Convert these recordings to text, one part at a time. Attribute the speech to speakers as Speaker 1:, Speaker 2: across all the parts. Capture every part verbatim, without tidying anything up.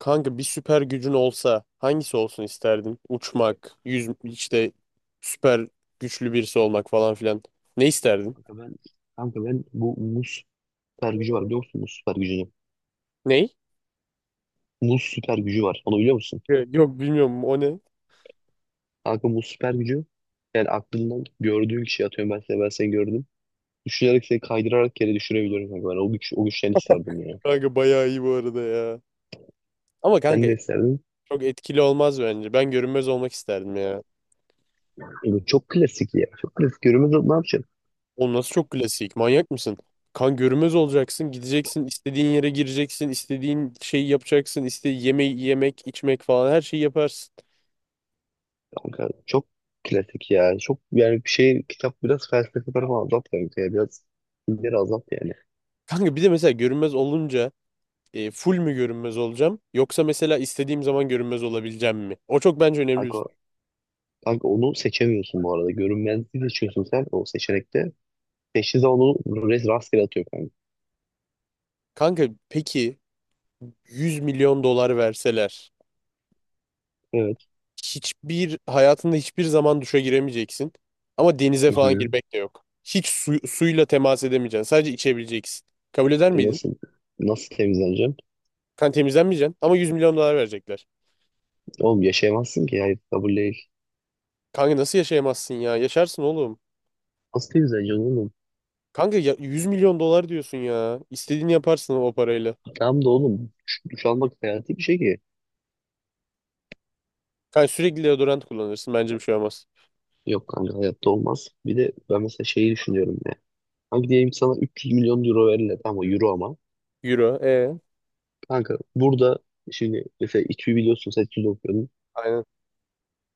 Speaker 1: Kanka bir süper gücün olsa hangisi olsun isterdin? Uçmak, yüz işte süper güçlü birisi olmak falan filan. Ne isterdin?
Speaker 2: Kanka ben, kanka ben bu muz süper gücü var biliyor musun? Muz süper gücünü.
Speaker 1: Ney?
Speaker 2: Muz süper gücü var. Onu biliyor musun?
Speaker 1: Ya, yok bilmiyorum, o ne?
Speaker 2: Kanka muz süper gücü, yani aklından gördüğün kişiyi, atıyorum ben seni, ben seni gördüm. Düşünerek seni kaydırarak yere düşürebiliyorum kanka ben. O güç, o güçten isterdim ya.
Speaker 1: Kanka bayağı iyi bu arada ya. Ama kanka
Speaker 2: Sen de isterdin.
Speaker 1: çok etkili olmaz bence. Ben görünmez olmak isterdim ya.
Speaker 2: Bu çok klasik ya. Çok klasik. Yürümez, ne yapacağım?
Speaker 1: Oğlum nasıl çok klasik? Manyak mısın? Kan görünmez olacaksın, gideceksin, istediğin yere gireceksin, istediğin şeyi yapacaksın, istediğin yemeği yemek, içmek falan her şeyi yaparsın.
Speaker 2: Kanka çok klasik ya. Çok yani bir şey kitap, biraz felsefe tarafı azalt kanka ya. Biraz ileri azalt yani.
Speaker 1: Kanka bir de mesela görünmez olunca e, full mü görünmez olacağım yoksa mesela istediğim zaman görünmez olabileceğim mi? O çok bence önemli. bir-
Speaker 2: Kanka,
Speaker 1: soru.
Speaker 2: kanka onu seçemiyorsun bu arada. Görünmezliği seçiyorsun sen o seçenekte. Teşhise onu res- rastgele atıyor kanka.
Speaker 1: Kanka peki yüz milyon dolar verseler
Speaker 2: Evet.
Speaker 1: hiçbir hayatında hiçbir zaman duşa giremeyeceksin ama denize
Speaker 2: Hı
Speaker 1: falan
Speaker 2: hı.
Speaker 1: girmek de yok. Hiç su- suyla temas edemeyeceksin. Sadece içebileceksin. Kabul eder
Speaker 2: E
Speaker 1: miydin?
Speaker 2: nasıl nasıl temizleneceğim?
Speaker 1: Kan temizlenmeyeceksin ama yüz milyon dolar verecekler.
Speaker 2: Oğlum yaşayamazsın ki. Hayır, kabul değil.
Speaker 1: Kanka nasıl yaşayamazsın ya? Yaşarsın oğlum.
Speaker 2: Nasıl temizleneceksin oğlum?
Speaker 1: Kanka ya yüz milyon dolar diyorsun ya. İstediğini yaparsın o parayla.
Speaker 2: Tamam da oğlum duş, duş almak hayati bir şey ki.
Speaker 1: Kanka sürekli deodorant kullanırsın. Bence bir şey olmaz.
Speaker 2: Yok kanka, hayatta olmaz. Bir de ben mesela şeyi düşünüyorum ya. Kanka diyelim sana üç yüz milyon euro verirler, ama euro ama.
Speaker 1: Euro. E.
Speaker 2: Kanka burada şimdi mesela İTÜ'yü biliyorsun, sen İTÜ'de okuyordun.
Speaker 1: Aynen.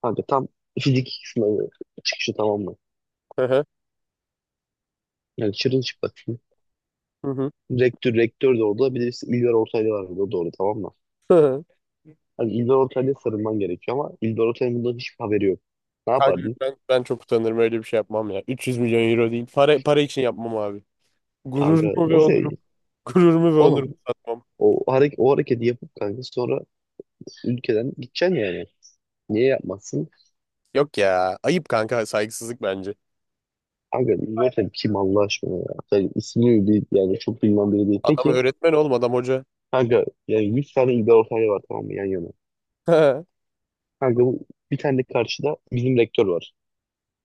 Speaker 2: Kanka tam fizik sınavı çıkışı, tamam mı?
Speaker 1: Hı hı.
Speaker 2: Yani çırılçıplak.
Speaker 1: Hı hı.
Speaker 2: Rektör, rektör de orada. Bir de bir milyar Ortaylı var orada, doğru tamam mı?
Speaker 1: Hı hı.
Speaker 2: Hani İldor Ortaylı'ya sarılman gerekiyor ama İldor Ortaylı'nın bundan hiçbir haberi yok. Ne
Speaker 1: Kanka
Speaker 2: yapardın?
Speaker 1: ben, ben çok utanırım öyle bir şey yapmam ya. üç yüz milyon euro değil. Para, para için yapmam abi.
Speaker 2: Kanka
Speaker 1: Gururumu ve
Speaker 2: nasıl
Speaker 1: onurum.
Speaker 2: yani?
Speaker 1: Gururumu ve onurumu
Speaker 2: Oğlum
Speaker 1: satmam.
Speaker 2: o, hareket, o hareketi yapıp kanka sonra ülkeden gideceksin yani. Niye yapmazsın?
Speaker 1: Yok ya. Ayıp kanka. Saygısızlık bence.
Speaker 2: Kanka İldor Ortaylı kim Allah aşkına ya? Yani ismini değil, yani çok bilinen biri değil.
Speaker 1: Adam
Speaker 2: Peki
Speaker 1: öğretmen oğlum. Adam hoca.
Speaker 2: kanka yani yüz tane İldor Ortaylı var, tamam mı yan yana? Kanka bu bir tane de karşıda bizim rektör var.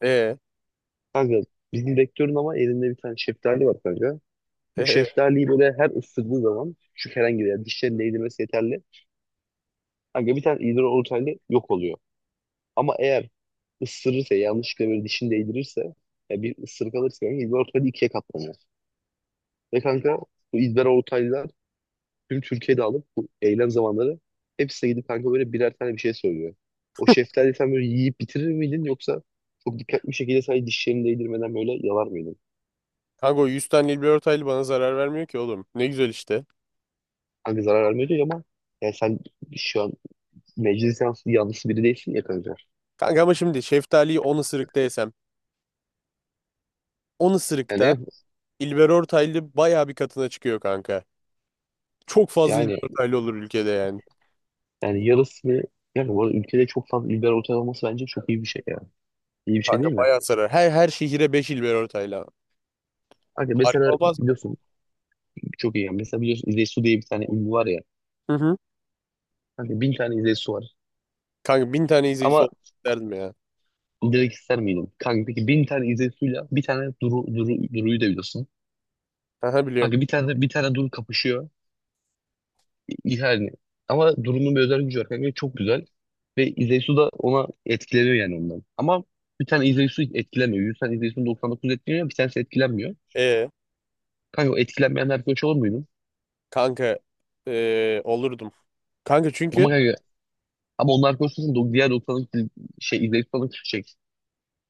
Speaker 1: E,
Speaker 2: Kanka bizim rektörün ama elinde bir tane şeftali var kanka. Bu
Speaker 1: e.
Speaker 2: şeftaliyi böyle her ısırdığı zaman şu herhangi bir yer, dişlerini değdirmesi yeterli. Kanka bir tane idrar oluşan yok oluyor. Ama eğer ısırırsa, yanlışlıkla böyle dişini değdirirse, ya bir ısırık alırsa, yani idrar Ortaylı ikiye katlanıyor. Ve kanka bu idrar ortaylılar tüm Türkiye'de alıp bu eylem zamanları hepsine gidip kanka böyle birer tane bir şey söylüyor. O şeftali sen böyle yiyip bitirir miydin, yoksa çok dikkatli bir şekilde sadece dişlerini değdirmeden böyle yalar mıydın?
Speaker 1: Kanka o yüz tane Nilgün Ortaylı bana zarar vermiyor ki oğlum. Ne güzel işte.
Speaker 2: Kanka zarar vermiyor diyor ama, yani sen şu an meclis yanlısı, yanlısı biri değilsin ya kanka.
Speaker 1: Kanka ama şimdi şeftaliyi on ısırıkta yesem. on ısırıkta
Speaker 2: Yani
Speaker 1: İlber Ortaylı bayağı bir katına çıkıyor kanka. Çok fazla İlber
Speaker 2: yani
Speaker 1: Ortaylı olur ülkede yani.
Speaker 2: Yani yarısı yani bu arada ülkede çok fazla liberal otel olması bence çok iyi bir şey ya. İyi bir şey
Speaker 1: Kanka
Speaker 2: değil mi?
Speaker 1: bayağı sarar. Her her şehire beş il ver ortayla.
Speaker 2: Hani
Speaker 1: Harika
Speaker 2: mesela
Speaker 1: olmaz mı?
Speaker 2: biliyorsun, çok iyi yani. Mesela biliyorsun İzey Su diye bir tane ünlü var ya.
Speaker 1: Hı hı.
Speaker 2: Hani bin tane İzey Su var.
Speaker 1: Kanka bin tane izleyicisi
Speaker 2: Ama
Speaker 1: olmak isterdim ya.
Speaker 2: direkt ister miydin? Kanka peki bin tane İzey Su'yla bir tane Duru, Duru, Duru'yu da biliyorsun.
Speaker 1: Aha biliyorum.
Speaker 2: Kanka bir tane bir tane Duru kapışıyor. İ- Yani. Ama Duru'nun bir özel gücü var kanka. Çok güzel. Ve İzey Su da ona etkileniyor yani ondan. Ama bir tane İzey Su etkilemiyor. Yüz tane İzey Su doksan dokuz etkileniyor. Bir tanesi etkilenmiyor.
Speaker 1: Ee,
Speaker 2: Kanka o etkilenmeyen arkadaş olur muydu?
Speaker 1: kanka ee, olurdum. Kanka çünkü
Speaker 2: Ama kanka, ama onlar konusunda do- diğer doksanlık dil- şey izleyip sonra şey.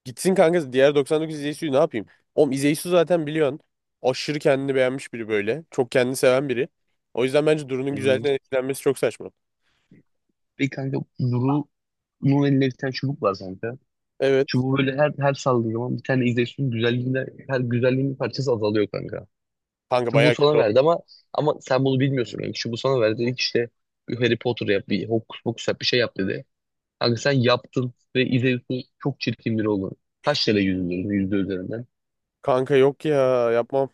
Speaker 1: gitsin kanka diğer doksan dokuz izleyicisi ne yapayım? Oğlum izleyicisi zaten biliyorsun. Aşırı kendini beğenmiş biri böyle. Çok kendini seven biri. O yüzden bence Duru'nun
Speaker 2: Hmm.
Speaker 1: güzelliğinden etkilenmesi çok saçma.
Speaker 2: Bir kanka Duru'nun elinde bir tane çubuk var kanka.
Speaker 1: Evet.
Speaker 2: Çubuğu böyle her her saldığı zaman bir tane izleyicinin güzelliğinde, her güzelliğin bir parçası azalıyor kanka.
Speaker 1: Kanka
Speaker 2: Çubuğu
Speaker 1: bayağı
Speaker 2: sana
Speaker 1: kötü oldu.
Speaker 2: verdi ama, ama sen bunu bilmiyorsun kanka. Çubuğu sana verdi, dedi ki işte bir Harry Potter yap, bir hokus pokus yap, bir şey yap dedi. Kanka sen yaptın ve izleyicinin çok çirkin biri oldu. Kaç kere yüzüldürdün yüzde üzerinden.
Speaker 1: Kanka yok ya yapmam.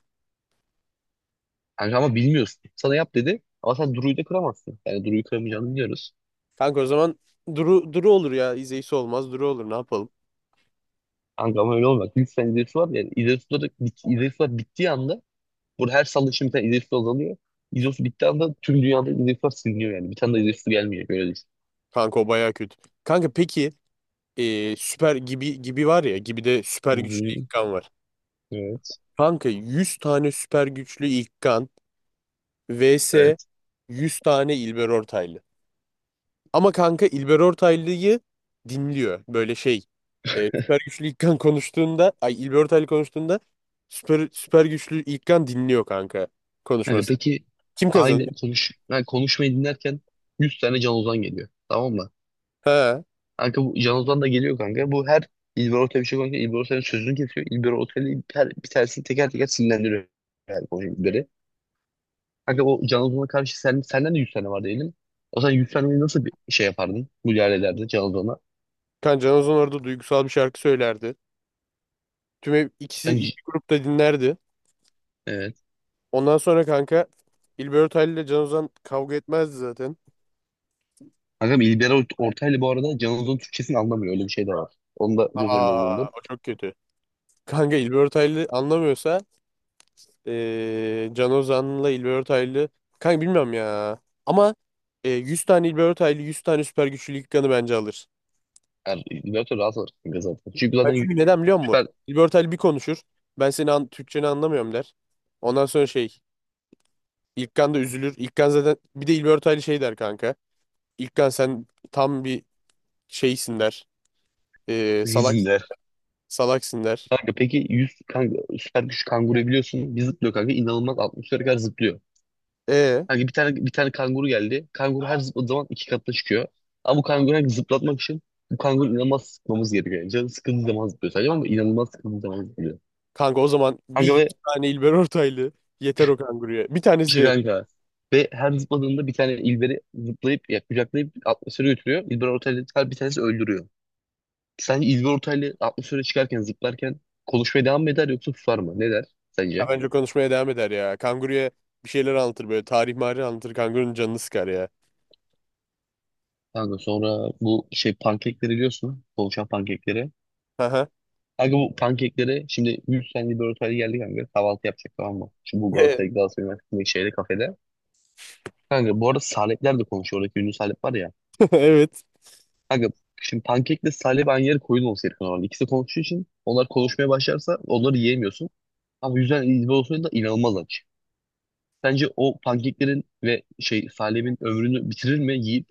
Speaker 2: Kanka ama bilmiyorsun. Sana yap dedi ama sen Duru'yu da kıramazsın. Yani Duru'yu kıramayacağını biliyoruz.
Speaker 1: Kanka o zaman Duru, Duru olur ya. İzleyicisi olmaz. Duru olur ne yapalım.
Speaker 2: Kanka ama öyle olmaz. yüz sene İzeysu var, yani İzeysu, İzeysu var, bittiği anda burada her salı şimdi bir tane İzeysu azalıyor. İzeysu bittiği anda tüm dünyada İzeysu var siliniyor yani. Bir tane de İzeysu gelmiyor. Böyle düşün.
Speaker 1: Kanka o bayağı kötü. Kanka peki e, süper gibi gibi var ya gibi de
Speaker 2: Hı
Speaker 1: süper
Speaker 2: hı.
Speaker 1: güçlü İlkan var.
Speaker 2: Evet.
Speaker 1: Kanka yüz tane süper güçlü İlkan vs
Speaker 2: Evet.
Speaker 1: yüz tane İlber Ortaylı. Ama kanka İlber Ortaylı'yı dinliyor böyle şey. E, süper güçlü İlkan konuştuğunda ay İlber Ortaylı konuştuğunda süper, süper güçlü İlkan dinliyor kanka
Speaker 2: Yani
Speaker 1: konuşması.
Speaker 2: peki
Speaker 1: Kim
Speaker 2: aynı
Speaker 1: kazanır?
Speaker 2: konuş yani konuşmayı dinlerken yüz tane Can Ozan geliyor. Tamam mı?
Speaker 1: Ha.
Speaker 2: Kanka bu Can Ozan da geliyor kanka. Bu her İlber Ortaylı bir şey konuşuyor, İlber Ortaylı'nın sözünü kesiyor. İlber Ortaylı her bir tanesini teker teker sinirlendiriyor. Yani konuşuyor. Kanka o Can Ozan'a karşı sen, senden de yüz tane var diyelim. O zaman yüz taneyi nasıl bir şey yapardın? Müdahale ederdin Can Ozan'a.
Speaker 1: Kan Can Ozan orada duygusal bir şarkı söylerdi. Tüm ev- ikisi
Speaker 2: Ben,
Speaker 1: iki grupta dinlerdi.
Speaker 2: evet.
Speaker 1: Ondan sonra kanka İlber Ortaylı ile Can Ozan kavga etmezdi zaten.
Speaker 2: Kankam İlber Ort- Ortaylı bu arada Can Ozan'ın Türkçesini anlamıyor. Öyle bir şey de var. Onu da göz önünde
Speaker 1: Aa
Speaker 2: bulundur.
Speaker 1: o çok kötü. Kanka İlber Ortaylı anlamıyorsa eee Can Ozan'la İlber Ortaylı kanka bilmiyorum ya. Ama eee, yüz tane İlber Ortaylı yüz tane süper güçlü ilk kanı bence alır.
Speaker 2: Yani İlber Ortaylı rahatsız olur kanka zaten. Çünkü zaten
Speaker 1: Kanka
Speaker 2: y-
Speaker 1: çünkü neden biliyor musun?
Speaker 2: süper
Speaker 1: İlber Ortaylı bir konuşur. Ben seni an Türkçeni anlamıyorum der. Ondan sonra şey İlkan da üzülür. İlkan zaten bir de İlber Ortaylı şey der kanka. İlkan sen tam bir şeysin der. Eee salak
Speaker 2: izinler.
Speaker 1: Salaksın der.
Speaker 2: Kanka peki yüz kanka, süper güç kanguru biliyorsun. Bir zıplıyor kanka. İnanılmaz altmış kadar zıplıyor.
Speaker 1: Ee,
Speaker 2: Kanka bir tane bir tane kanguru geldi. Kanguru her zıpladığı zaman iki katına çıkıyor. Ama bu kanguru her zıplatmak için bu kanguru inanılmaz sıkmamız gerekiyor. Yani canı sıkıldığı zaman zıplıyor sadece, ama inanılmaz sıkıldığı zaman zıplıyor.
Speaker 1: kanka o zaman bir
Speaker 2: Kanka
Speaker 1: yüz
Speaker 2: ve
Speaker 1: tane İlber Ortaylı yeter o kanguruya. Bir tanesi de
Speaker 2: işte
Speaker 1: yeter.
Speaker 2: kanka. Ve her zıpladığında bir tane ilberi zıplayıp ya, kucaklayıp atmosfere götürüyor. İlber Ortaylı her bir tanesi öldürüyor. Sence İlber Ortaylı atmosfere çıkarken zıplarken konuşmaya devam mı eder yoksa susar mı? Ne der
Speaker 1: Ya
Speaker 2: sence?
Speaker 1: bence konuşmaya devam eder ya. Kanguruya bir şeyler anlatır böyle. Tarih marih anlatır. Kangurunun canını sıkar ya.
Speaker 2: Kanka sonra bu şey pankekleri biliyorsun. Konuşan pankekleri.
Speaker 1: Aha.
Speaker 2: Kanka bu pankekleri şimdi yüz senelik bir ortaya geldi kanka. Kahvaltı yapacak, tamam mı? Şu bu
Speaker 1: Evet.
Speaker 2: Galatasaray Galatasaray Üniversitesi'ndeki şeyde, kafede. Kanka bu arada Salepler de konuşuyor. Oradaki ünlü Salep var ya.
Speaker 1: Evet.
Speaker 2: Kanka şimdi pankekle Salep aynı yere koyun olsa herif normalde. İkisi de konuştuğu için onlar konuşmaya başlarsa onları yiyemiyorsun. Ama yüzden İzmir olsaydı da inanılmaz aç. Bence o pankeklerin ve şey Salep'in ömrünü bitirir mi yiyip,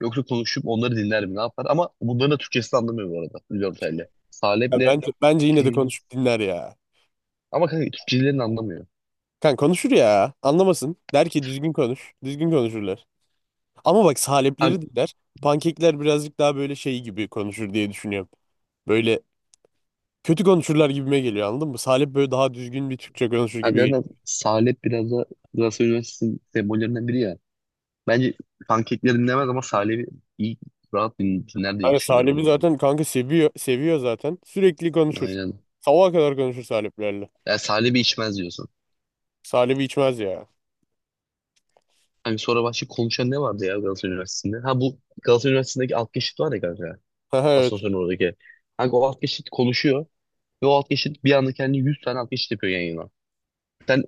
Speaker 2: yoksa konuşup onları dinler mi, ne yapar? Ama bunların da Türkçesini anlamıyor bu arada. Ünlü Salep'le
Speaker 1: Ya
Speaker 2: Salep'le
Speaker 1: bence, bence yine de konuşup dinler ya.
Speaker 2: ama kanka Türkçelerini anlamıyor.
Speaker 1: Kan konuşur ya. Anlamasın. Der ki düzgün konuş. Düzgün konuşurlar. Ama bak salepleri dinler. Pankekler birazcık daha böyle şey gibi konuşur diye düşünüyorum. Böyle kötü konuşurlar gibime geliyor anladın mı? Salep böyle daha düzgün bir Türkçe konuşur gibi geliyor.
Speaker 2: Hakikaten Salep biraz da Galatasaray Üniversitesi'nin sembollerinden biri ya. Bence pankekleri dinlemez ama Salep'i iyi rahat din- dinler diye
Speaker 1: Kanka Salim'i
Speaker 2: düşünüyorum.
Speaker 1: zaten kanka seviyor seviyor zaten. Sürekli
Speaker 2: Ben.
Speaker 1: konuşur.
Speaker 2: Aynen.
Speaker 1: Sabaha kadar konuşur Saliplerle.
Speaker 2: Yani Salep'i içmez diyorsun.
Speaker 1: Salim'i içmez ya.
Speaker 2: Hani sonra başka konuşan ne vardı ya Galatasaray Üniversitesi'nde? Ha bu Galatasaray Üniversitesi'ndeki alt geçit var ya kanka.
Speaker 1: Evet.
Speaker 2: Asansörün oradaki. Kanka o alt geçit konuşuyor. Ve o alt geçit bir anda kendi yüz tane alt geçit yapıyor yan yana. Sen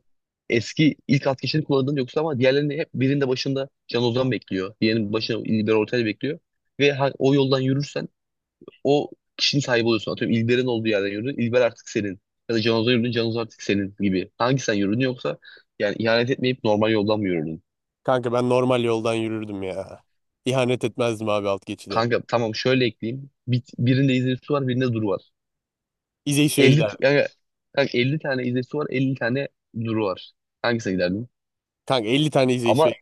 Speaker 2: eski ilk alt geçitini kullandın yoksa, ama diğerlerini hep, birinde başında Can Ozan bekliyor, diğerinin başında İlber Ortaylı bekliyor. Ve ha- o yoldan yürürsen o kişinin sahibi oluyorsun. Atıyorum İlber'in olduğu yerden yürü. İlber artık senin. Ya da Canoz'a yürüdün. Canoz artık senin gibi. Hangi sen yürüdün, yoksa yani ihanet etmeyip normal yoldan mı yürüdün?
Speaker 1: Kanka ben normal yoldan yürürdüm ya. İhanet etmezdim abi alt geçide.
Speaker 2: Kanka tamam şöyle ekleyeyim. Bir, birinde izleyicisi var, birinde duru var.
Speaker 1: İzeysu'ya
Speaker 2: Elli
Speaker 1: gider.
Speaker 2: t- yani, kanka elli tane izleyicisi var, elli tane duru var. Hangisine giderdin?
Speaker 1: Kanka elli tane
Speaker 2: Ama
Speaker 1: İzeysu'ya.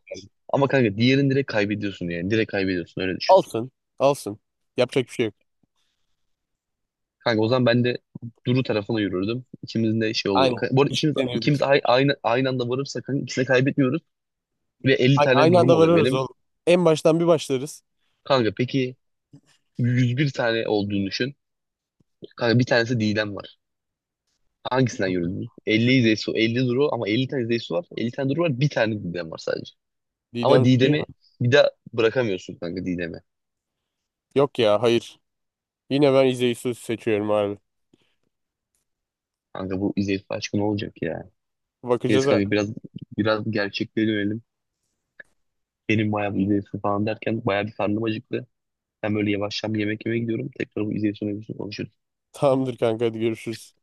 Speaker 2: ama kanka diğerini direkt kaybediyorsun yani. Direkt kaybediyorsun, öyle düşün.
Speaker 1: Alsın. Alsın. Yapacak bir şey yok.
Speaker 2: Kanka o zaman ben de Duru tarafına yürürdüm. İkimizin de şey oluyor.
Speaker 1: Aynen.
Speaker 2: Ka- Bu arada ikimiz,
Speaker 1: Eşitlenirdik.
Speaker 2: ikimiz ay- aynı, aynı anda varırsak kanka ikisini kaybetmiyoruz. Ve elli
Speaker 1: Aynı,
Speaker 2: tane
Speaker 1: aynı
Speaker 2: durum
Speaker 1: anda
Speaker 2: oluyor
Speaker 1: varırız
Speaker 2: benim.
Speaker 1: oğlum. En baştan bir başlarız.
Speaker 2: Kanka peki yüz bir tane olduğunu düşün. Kanka bir tanesi Didem var. Hangisinden yürüdün? elli Zeysu, elli Duru, ama elli tane Zeysu var, elli tane Duru var. Bir tane Didem var sadece. Ama
Speaker 1: Didem şey mi?
Speaker 2: Didem'i bir daha bırakamıyorsun kanka, Didem'i.
Speaker 1: Yok ya hayır. Yine ben İzeysu'yu seçiyorum abi.
Speaker 2: Kanka bu İzeysu aşkı ne olacak ya?
Speaker 1: Bakacağız
Speaker 2: Neyse kanka
Speaker 1: artık.
Speaker 2: biraz biraz gerçekliğe dönelim. Benim bayağı bu İzeysu falan derken bayağı bir karnım acıktı. Ben böyle yavaştan bir yemek yemeye gidiyorum. Tekrar bu İzeysu mevzusunu konuşuruz.
Speaker 1: Tamamdır kanka hadi görüşürüz.